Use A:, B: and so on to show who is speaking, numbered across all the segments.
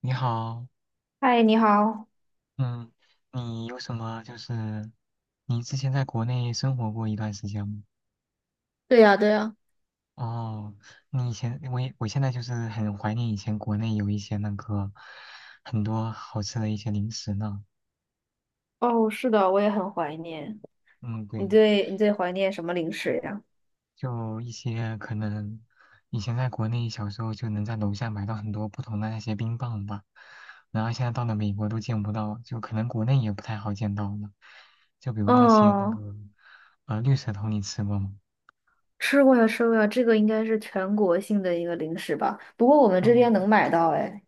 A: 你好。
B: 嗨，你好。
A: 嗯，你有什么就是你之前在国内生活过一段时间吗？
B: 对呀，对呀，
A: 哦，你以前我也我现在就是很怀念以前国内有一些很多好吃的一些零食呢。
B: 哦，是的，我也很怀念。
A: 嗯，
B: 你
A: 对。
B: 最你最怀念什么零食呀？
A: 就一些可能以前在国内小时候就能在楼下买到很多不同的那些冰棒吧，然后现在到了美国都见不到，就可能国内也不太好见到了。就比如那些那
B: 嗯，
A: 个绿舌头，你吃过吗？
B: 吃过呀，吃过呀，这个应该是全国性的一个零食吧？不过我们这
A: 嗯。
B: 边能买到，哎，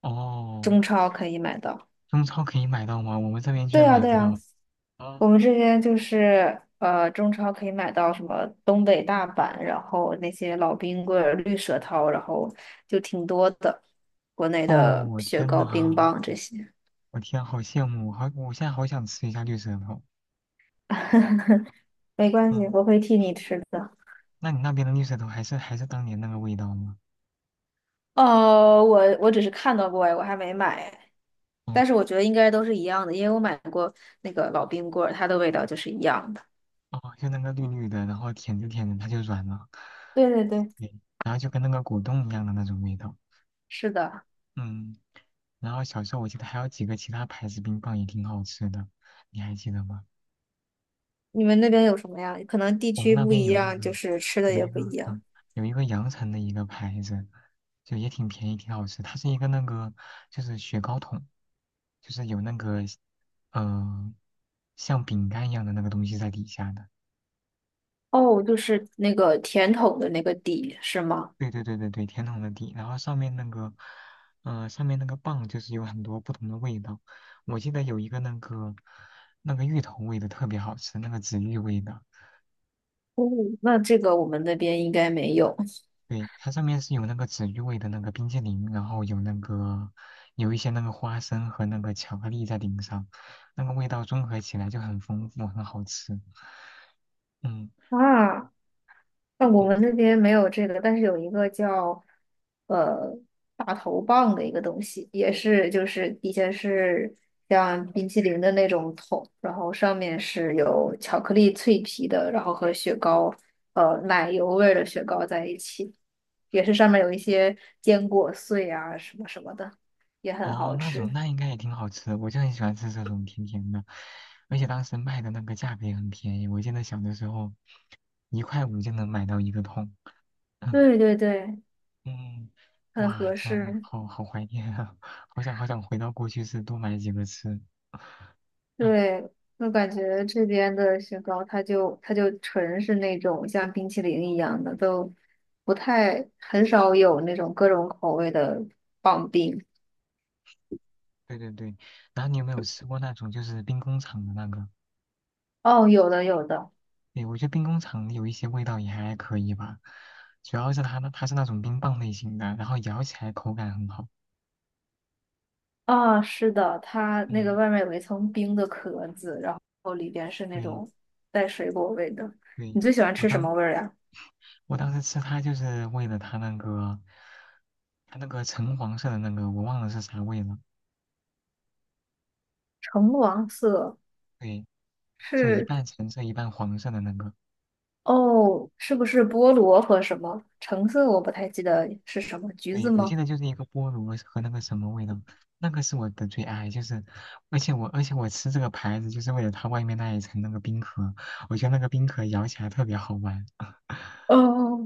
A: 哦，
B: 中超可以买到。
A: 中超可以买到吗？我们这边居
B: 对
A: 然
B: 呀，
A: 买
B: 对
A: 不
B: 呀，
A: 到。啊。
B: 我们这边就是中超可以买到什么东北大板，然后那些老冰棍儿、绿舌头，然后就挺多的，国内
A: 哦，
B: 的
A: 我
B: 雪
A: 天
B: 糕、
A: 呐，
B: 冰棒这些。
A: 我天，好羡慕。好，我现在好想吃一下绿舌头。
B: 没关系，
A: 嗯，
B: 我会替你吃的。
A: 那你那边的绿舌头还是当年那个味道吗？
B: 哦，我只是看到过，哎我还没买，
A: 哦。
B: 但是我觉得应该都是一样的，因为我买过那个老冰棍儿，它的味道就是一样的。
A: 哦，就那个绿绿的，然后舔着舔着它就软了。
B: 对对对，
A: 对，然后就跟那个果冻一样的那种味道。
B: 是的。
A: 嗯，然后小时候我记得还有几个其他牌子冰棒也挺好吃的，你还记得吗？
B: 你们那边有什么呀？可能地
A: 我们
B: 区
A: 那
B: 不
A: 边
B: 一
A: 有
B: 样，就是吃的
A: 有
B: 也
A: 一
B: 不一
A: 个
B: 样。
A: 嗯有一个阳城的一个牌子，就也挺便宜，挺好吃。它是一个就是雪糕筒，就是有那个呃像饼干一样的那个东西在底下的。
B: 哦，就是那个甜筒的那个底，是吗？
A: 对对对对对，甜筒的底，然后上面那个棒就是有很多不同的味道。我记得有一个那个那个芋头味的特别好吃，那个紫芋味的。
B: 哦，那这个我们那边应该没有。
A: 对，它上面是有那个紫玉味的那个冰淇淋，然后有一些那个花生和那个巧克力在顶上，那个味道综合起来就很丰富，很好吃。嗯。
B: 啊，那我
A: 嗯。
B: 们那边没有这个，但是有一个叫呃大头棒的一个东西，也是就是底下是像冰淇淋的那种桶，然后上面是有巧克力脆皮的，然后和雪糕奶油味儿的雪糕在一起，也是上面有一些坚果碎啊什么什么的，也很
A: 哦，
B: 好
A: 那种
B: 吃。
A: 那应该也挺好吃的，我就很喜欢吃这种甜甜的，而且当时卖的那个价格也很便宜，我记得小的时候1块5就能买到一个桶。嗯。
B: 对对对，
A: 嗯。
B: 很
A: 哇，
B: 合
A: 天啊，
B: 适。
A: 好好怀念啊，好想好想回到过去是多买几个吃。唉。
B: 对，我感觉这边的雪糕，它就纯是那种像冰淇淋一样的，都不太很少有那种各种口味的棒冰。
A: 对对对，然后你有没有吃过那种就是兵工厂的那个？
B: 哦，有的有的，
A: 对，我觉得兵工厂有一些味道也还可以吧，主要是它是那种冰棒类型的，然后咬起来口感很好。
B: 啊、是的，它那个
A: 嗯。
B: 外面有一层冰的壳子，然后里边是那
A: 对。
B: 种带水果味的。
A: 对，
B: 你最喜欢
A: 我
B: 吃什
A: 当
B: 么味儿呀？
A: 我当时吃它就是为了它那个橙黄色的那个，我忘了是啥味了。
B: 橙黄色
A: 对，就一
B: 是。
A: 半橙色一半黄色的那个。
B: 哦，是不是菠萝和什么？橙色我不太记得是什么，橘子
A: 对，我
B: 吗？
A: 记得就是一个菠萝和那个什么味道，那个是我的最爱，就是，而且我吃这个牌子就是为了它外面那一层那个冰壳，我觉得那个冰壳咬起来特别好玩。
B: 哦，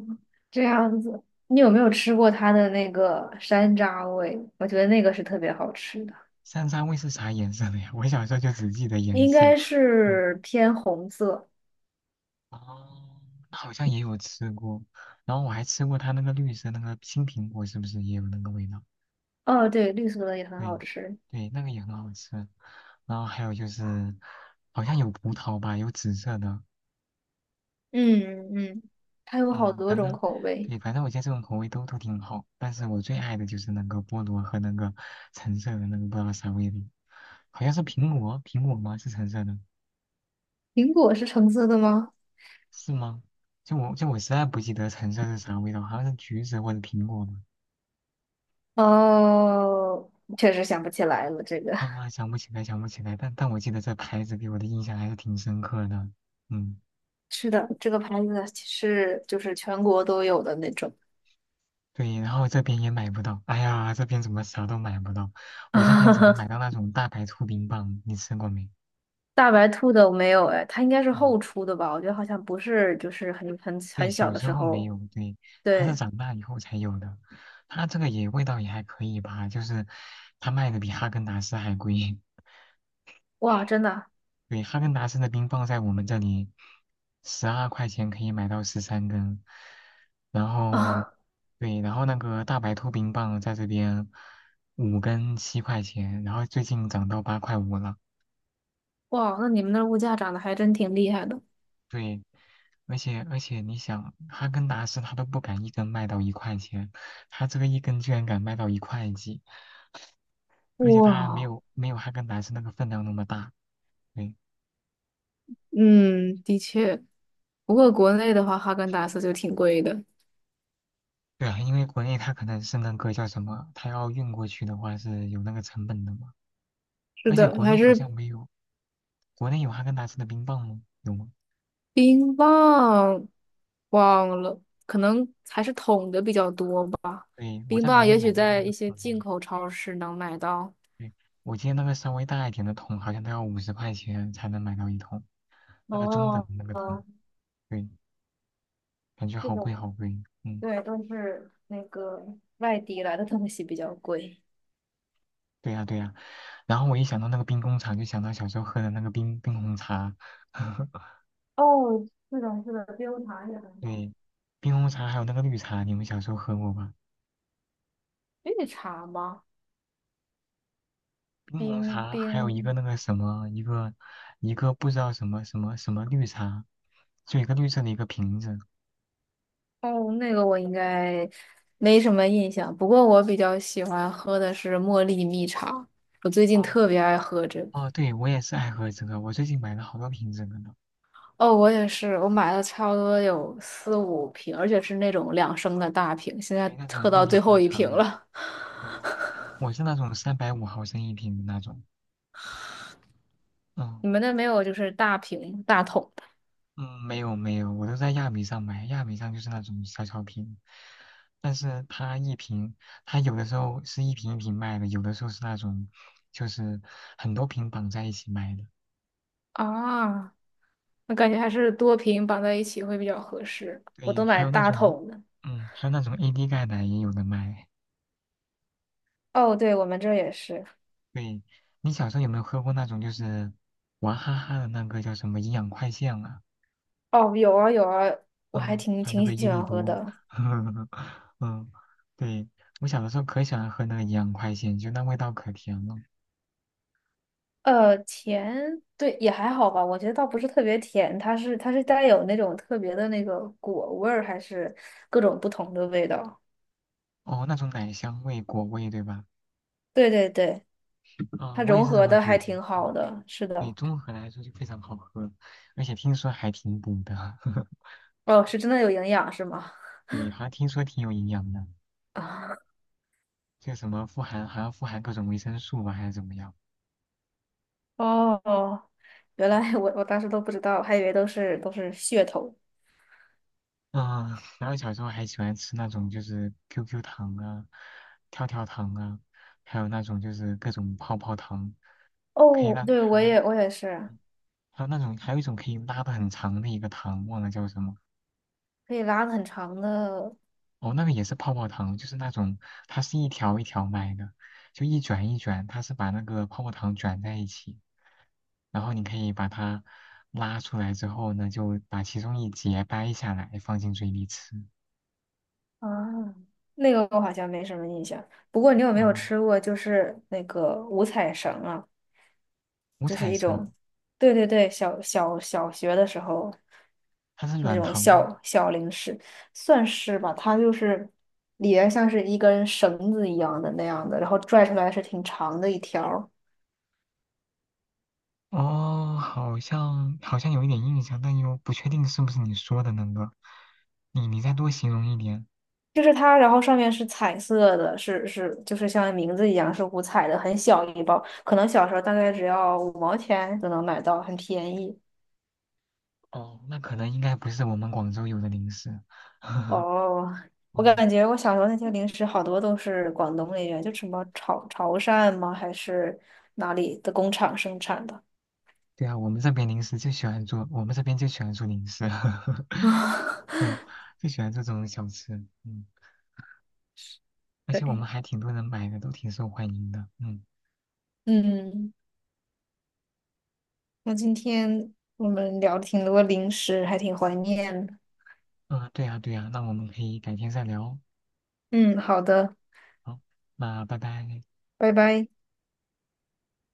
B: 这样子，你有没有吃过它的那个山楂味？我觉得那个是特别好吃的，
A: 山楂味是啥颜色的呀？我小时候就只记得颜
B: 应
A: 色。
B: 该
A: 嗯。
B: 是偏红色。
A: 哦，那好像也有吃过，然后我还吃过它那个绿色那个青苹果，是不是也有那个味道？
B: 哦，对，绿色的也很好
A: 对。
B: 吃。
A: 对，那个也很好吃。然后还有就是，好像有葡萄吧，有紫色的。
B: 嗯嗯，它有好
A: 嗯，
B: 多
A: 反
B: 种
A: 正，
B: 口味。
A: 对，反正我觉得这种口味都挺好，但是我最爱的就是那个菠萝和那个橙色的那个不知道啥味的，好像是苹果，苹果吗？是橙色的，
B: 苹果是橙色的吗？
A: 是吗？就我实在不记得橙色是啥味道，好像是橘子或者苹果吧。
B: 哦，确实想不起来了。这个
A: 啊，我还想不起来，想不起来，但我记得这牌子给我的印象还是挺深刻的。嗯。
B: 是的，这个牌子是就是全国都有的那种。
A: 对，然后这边也买不到，哎呀，这边怎么啥都买不到？我这边只能买 到那种大白兔冰棒，你吃过没？
B: 大白兔的我没有哎，它应该是
A: 嗯。
B: 后出的吧？我觉得好像不是，就是很很
A: 对，
B: 很小
A: 小
B: 的
A: 时
B: 时
A: 候没
B: 候
A: 有，对，它是
B: 对，
A: 长大以后才有的。它这个也味道也还可以吧，就是它卖的比哈根达斯还贵。
B: 哇，真的
A: 对，哈根达斯的冰棒在我们这里12块钱可以买到13根，然后，
B: 啊，
A: 对，然后那个大白兔冰棒在这边5根7块钱，然后最近涨到8块5了。
B: 哇，那你们那儿物价涨得还真挺厉害的。
A: 对，而且你想，哈根达斯他都不敢一根卖到1块钱，他这个一根居然敢卖到1块几。而且它还没
B: 哇，
A: 有没有哈根达斯那个分量那么大。对。
B: 嗯，的确，不过国内的话，哈根达斯就挺贵的。
A: 对啊，因为国内它可能是那个叫什么，它要运过去的话是有那个成本的嘛。
B: 是
A: 而且
B: 的，
A: 国
B: 还
A: 内好
B: 是
A: 像没有，国内有哈根达斯的冰棒吗？有吗？
B: 冰棒，忘了，可能还是桶的比较多吧。
A: 对，我
B: 冰
A: 在国
B: 棒
A: 内
B: 也许
A: 买的
B: 在
A: 那
B: 一
A: 个
B: 些
A: 桶。
B: 进口超市能买到。
A: 对，我记得那个稍微大一点的桶好像都要50块钱才能买到一桶，那个中等的
B: 哦，
A: 那个桶。
B: 哦
A: 对，感觉
B: 这
A: 好贵
B: 种，
A: 好贵。嗯。
B: 对，都是那个外地来的东西比较贵。
A: 对呀对呀。然后我一想到那个冰工厂，就想到小时候喝的那个冰冰红茶。
B: 哦，是的，是的，冰茶也很好。
A: 对，冰红茶还有那个绿茶，你们小时候喝过吧？
B: 绿茶吗？
A: 冰红
B: 冰
A: 茶还有一个
B: 冰
A: 那个什么，一个不知道什么绿茶，就一个绿色的一个瓶子。
B: 哦，那个我应该没什么印象，不过我比较喜欢喝的是茉莉蜜茶，我最近
A: 哦。
B: 特别爱喝这个。
A: 哦，对，我也是爱喝这个，我最近买了好多瓶子的呢。
B: 哦，我也是，我买了差不多有四五瓶，而且是那种2升的大瓶，现在
A: 对，那
B: 喝
A: 种茉
B: 到
A: 莉
B: 最
A: 花
B: 后一
A: 茶
B: 瓶
A: 嘛。
B: 了。
A: 哦，我是那种350毫升一瓶的那种。嗯。
B: 你们那没有就是大瓶大桶的
A: 嗯，没有没有，我都在亚米上买，亚米上就是那种小小瓶，但是它一瓶，它有的时候是一瓶一瓶卖的，有的时候是那种就是很多瓶绑在一起卖的。
B: 啊？我感觉还是多瓶绑在一起会比较合适，我
A: 对，
B: 都
A: 还
B: 买
A: 有那
B: 大
A: 种，
B: 桶的。
A: 嗯，还有那种 AD 钙奶也有的卖。
B: 哦，对，我们这儿也是。
A: 对，你小时候有没有喝过那种就是娃哈哈的那个叫什么营养快线啊？
B: 哦，有啊有啊，我还
A: 嗯，
B: 挺
A: 还有那
B: 挺
A: 个
B: 喜
A: 伊利
B: 欢喝
A: 多，
B: 的。
A: 嗯，对，我小的时候可喜欢喝那个营养快线，就那味道可甜了。
B: 甜，对，也还好吧，我觉得倒不是特别甜，它是带有那种特别的那个果味儿，还是各种不同的味道。
A: 哦，那种奶香味、果味，对吧？
B: 对对对，
A: 啊、
B: 它
A: 我也
B: 融
A: 是这
B: 合
A: 么
B: 的
A: 觉
B: 还
A: 得。
B: 挺好的，是
A: 对，
B: 的。
A: 综合来说就非常好喝，而且听说还挺补的。
B: 哦，是真的有营养是吗？
A: 对，好像听说挺有营养的，
B: 啊，
A: 就什么富含，好像富含各种维生素吧，还是怎么样？
B: 哦，原来我当时都不知道，还以为都是噱头。
A: 嗯，然后小时候还喜欢吃那种就是 QQ 糖啊、跳跳糖啊，还有那种就是各种泡泡糖，可以
B: 哦，
A: 让
B: 对，我
A: 还
B: 也我也是，
A: 还有那种，还有一种可以拉的很长的一个糖，忘了叫什么。
B: 可以拉的很长的
A: 哦，那个也是泡泡糖，就是那种它是一条一条卖的，就一卷一卷，它是把那个泡泡糖卷在一起，然后你可以把它拉出来之后呢，就把其中一节掰下来放进嘴里吃。
B: 啊，那个我好像没什么印象。不过你有没有
A: 哦，
B: 吃过就是那个五彩绳啊？
A: 五
B: 就是
A: 彩
B: 一
A: 色，
B: 种，对对对，小学的时候
A: 它是
B: 那
A: 软
B: 种
A: 糖吗？
B: 小小零食，算是吧，它就是里边像是一根绳子一样的那样的，然后拽出来是挺长的一条儿
A: 哦，好像好像有一点印象，但又不确定是不是你说的那个。你再多形容一点。
B: 就是它，然后上面是彩色的，是就是像名字一样是五彩的，很小一包，可能小时候大概只要5毛钱就能买到，很便宜。
A: 哦，那可能应该不是我们广州有的零食。
B: 哦，我
A: 哦，
B: 感觉我小时候那些零食好多都是广东那边，就什么潮汕吗？还是哪里的工厂生产的？
A: 对啊，我们这边零食就喜欢做，我们这边就喜欢做零食，
B: 啊，
A: 嗯，就喜欢这种小吃。嗯，而且我
B: 对，
A: 们还挺多人买的，都挺受欢迎的。嗯。
B: 嗯，那今天我们聊了挺多零食，还挺怀念的。
A: 嗯，对呀对呀，那我们可以改天再聊哦。
B: 嗯，好的，
A: 好，那拜拜。
B: 拜拜。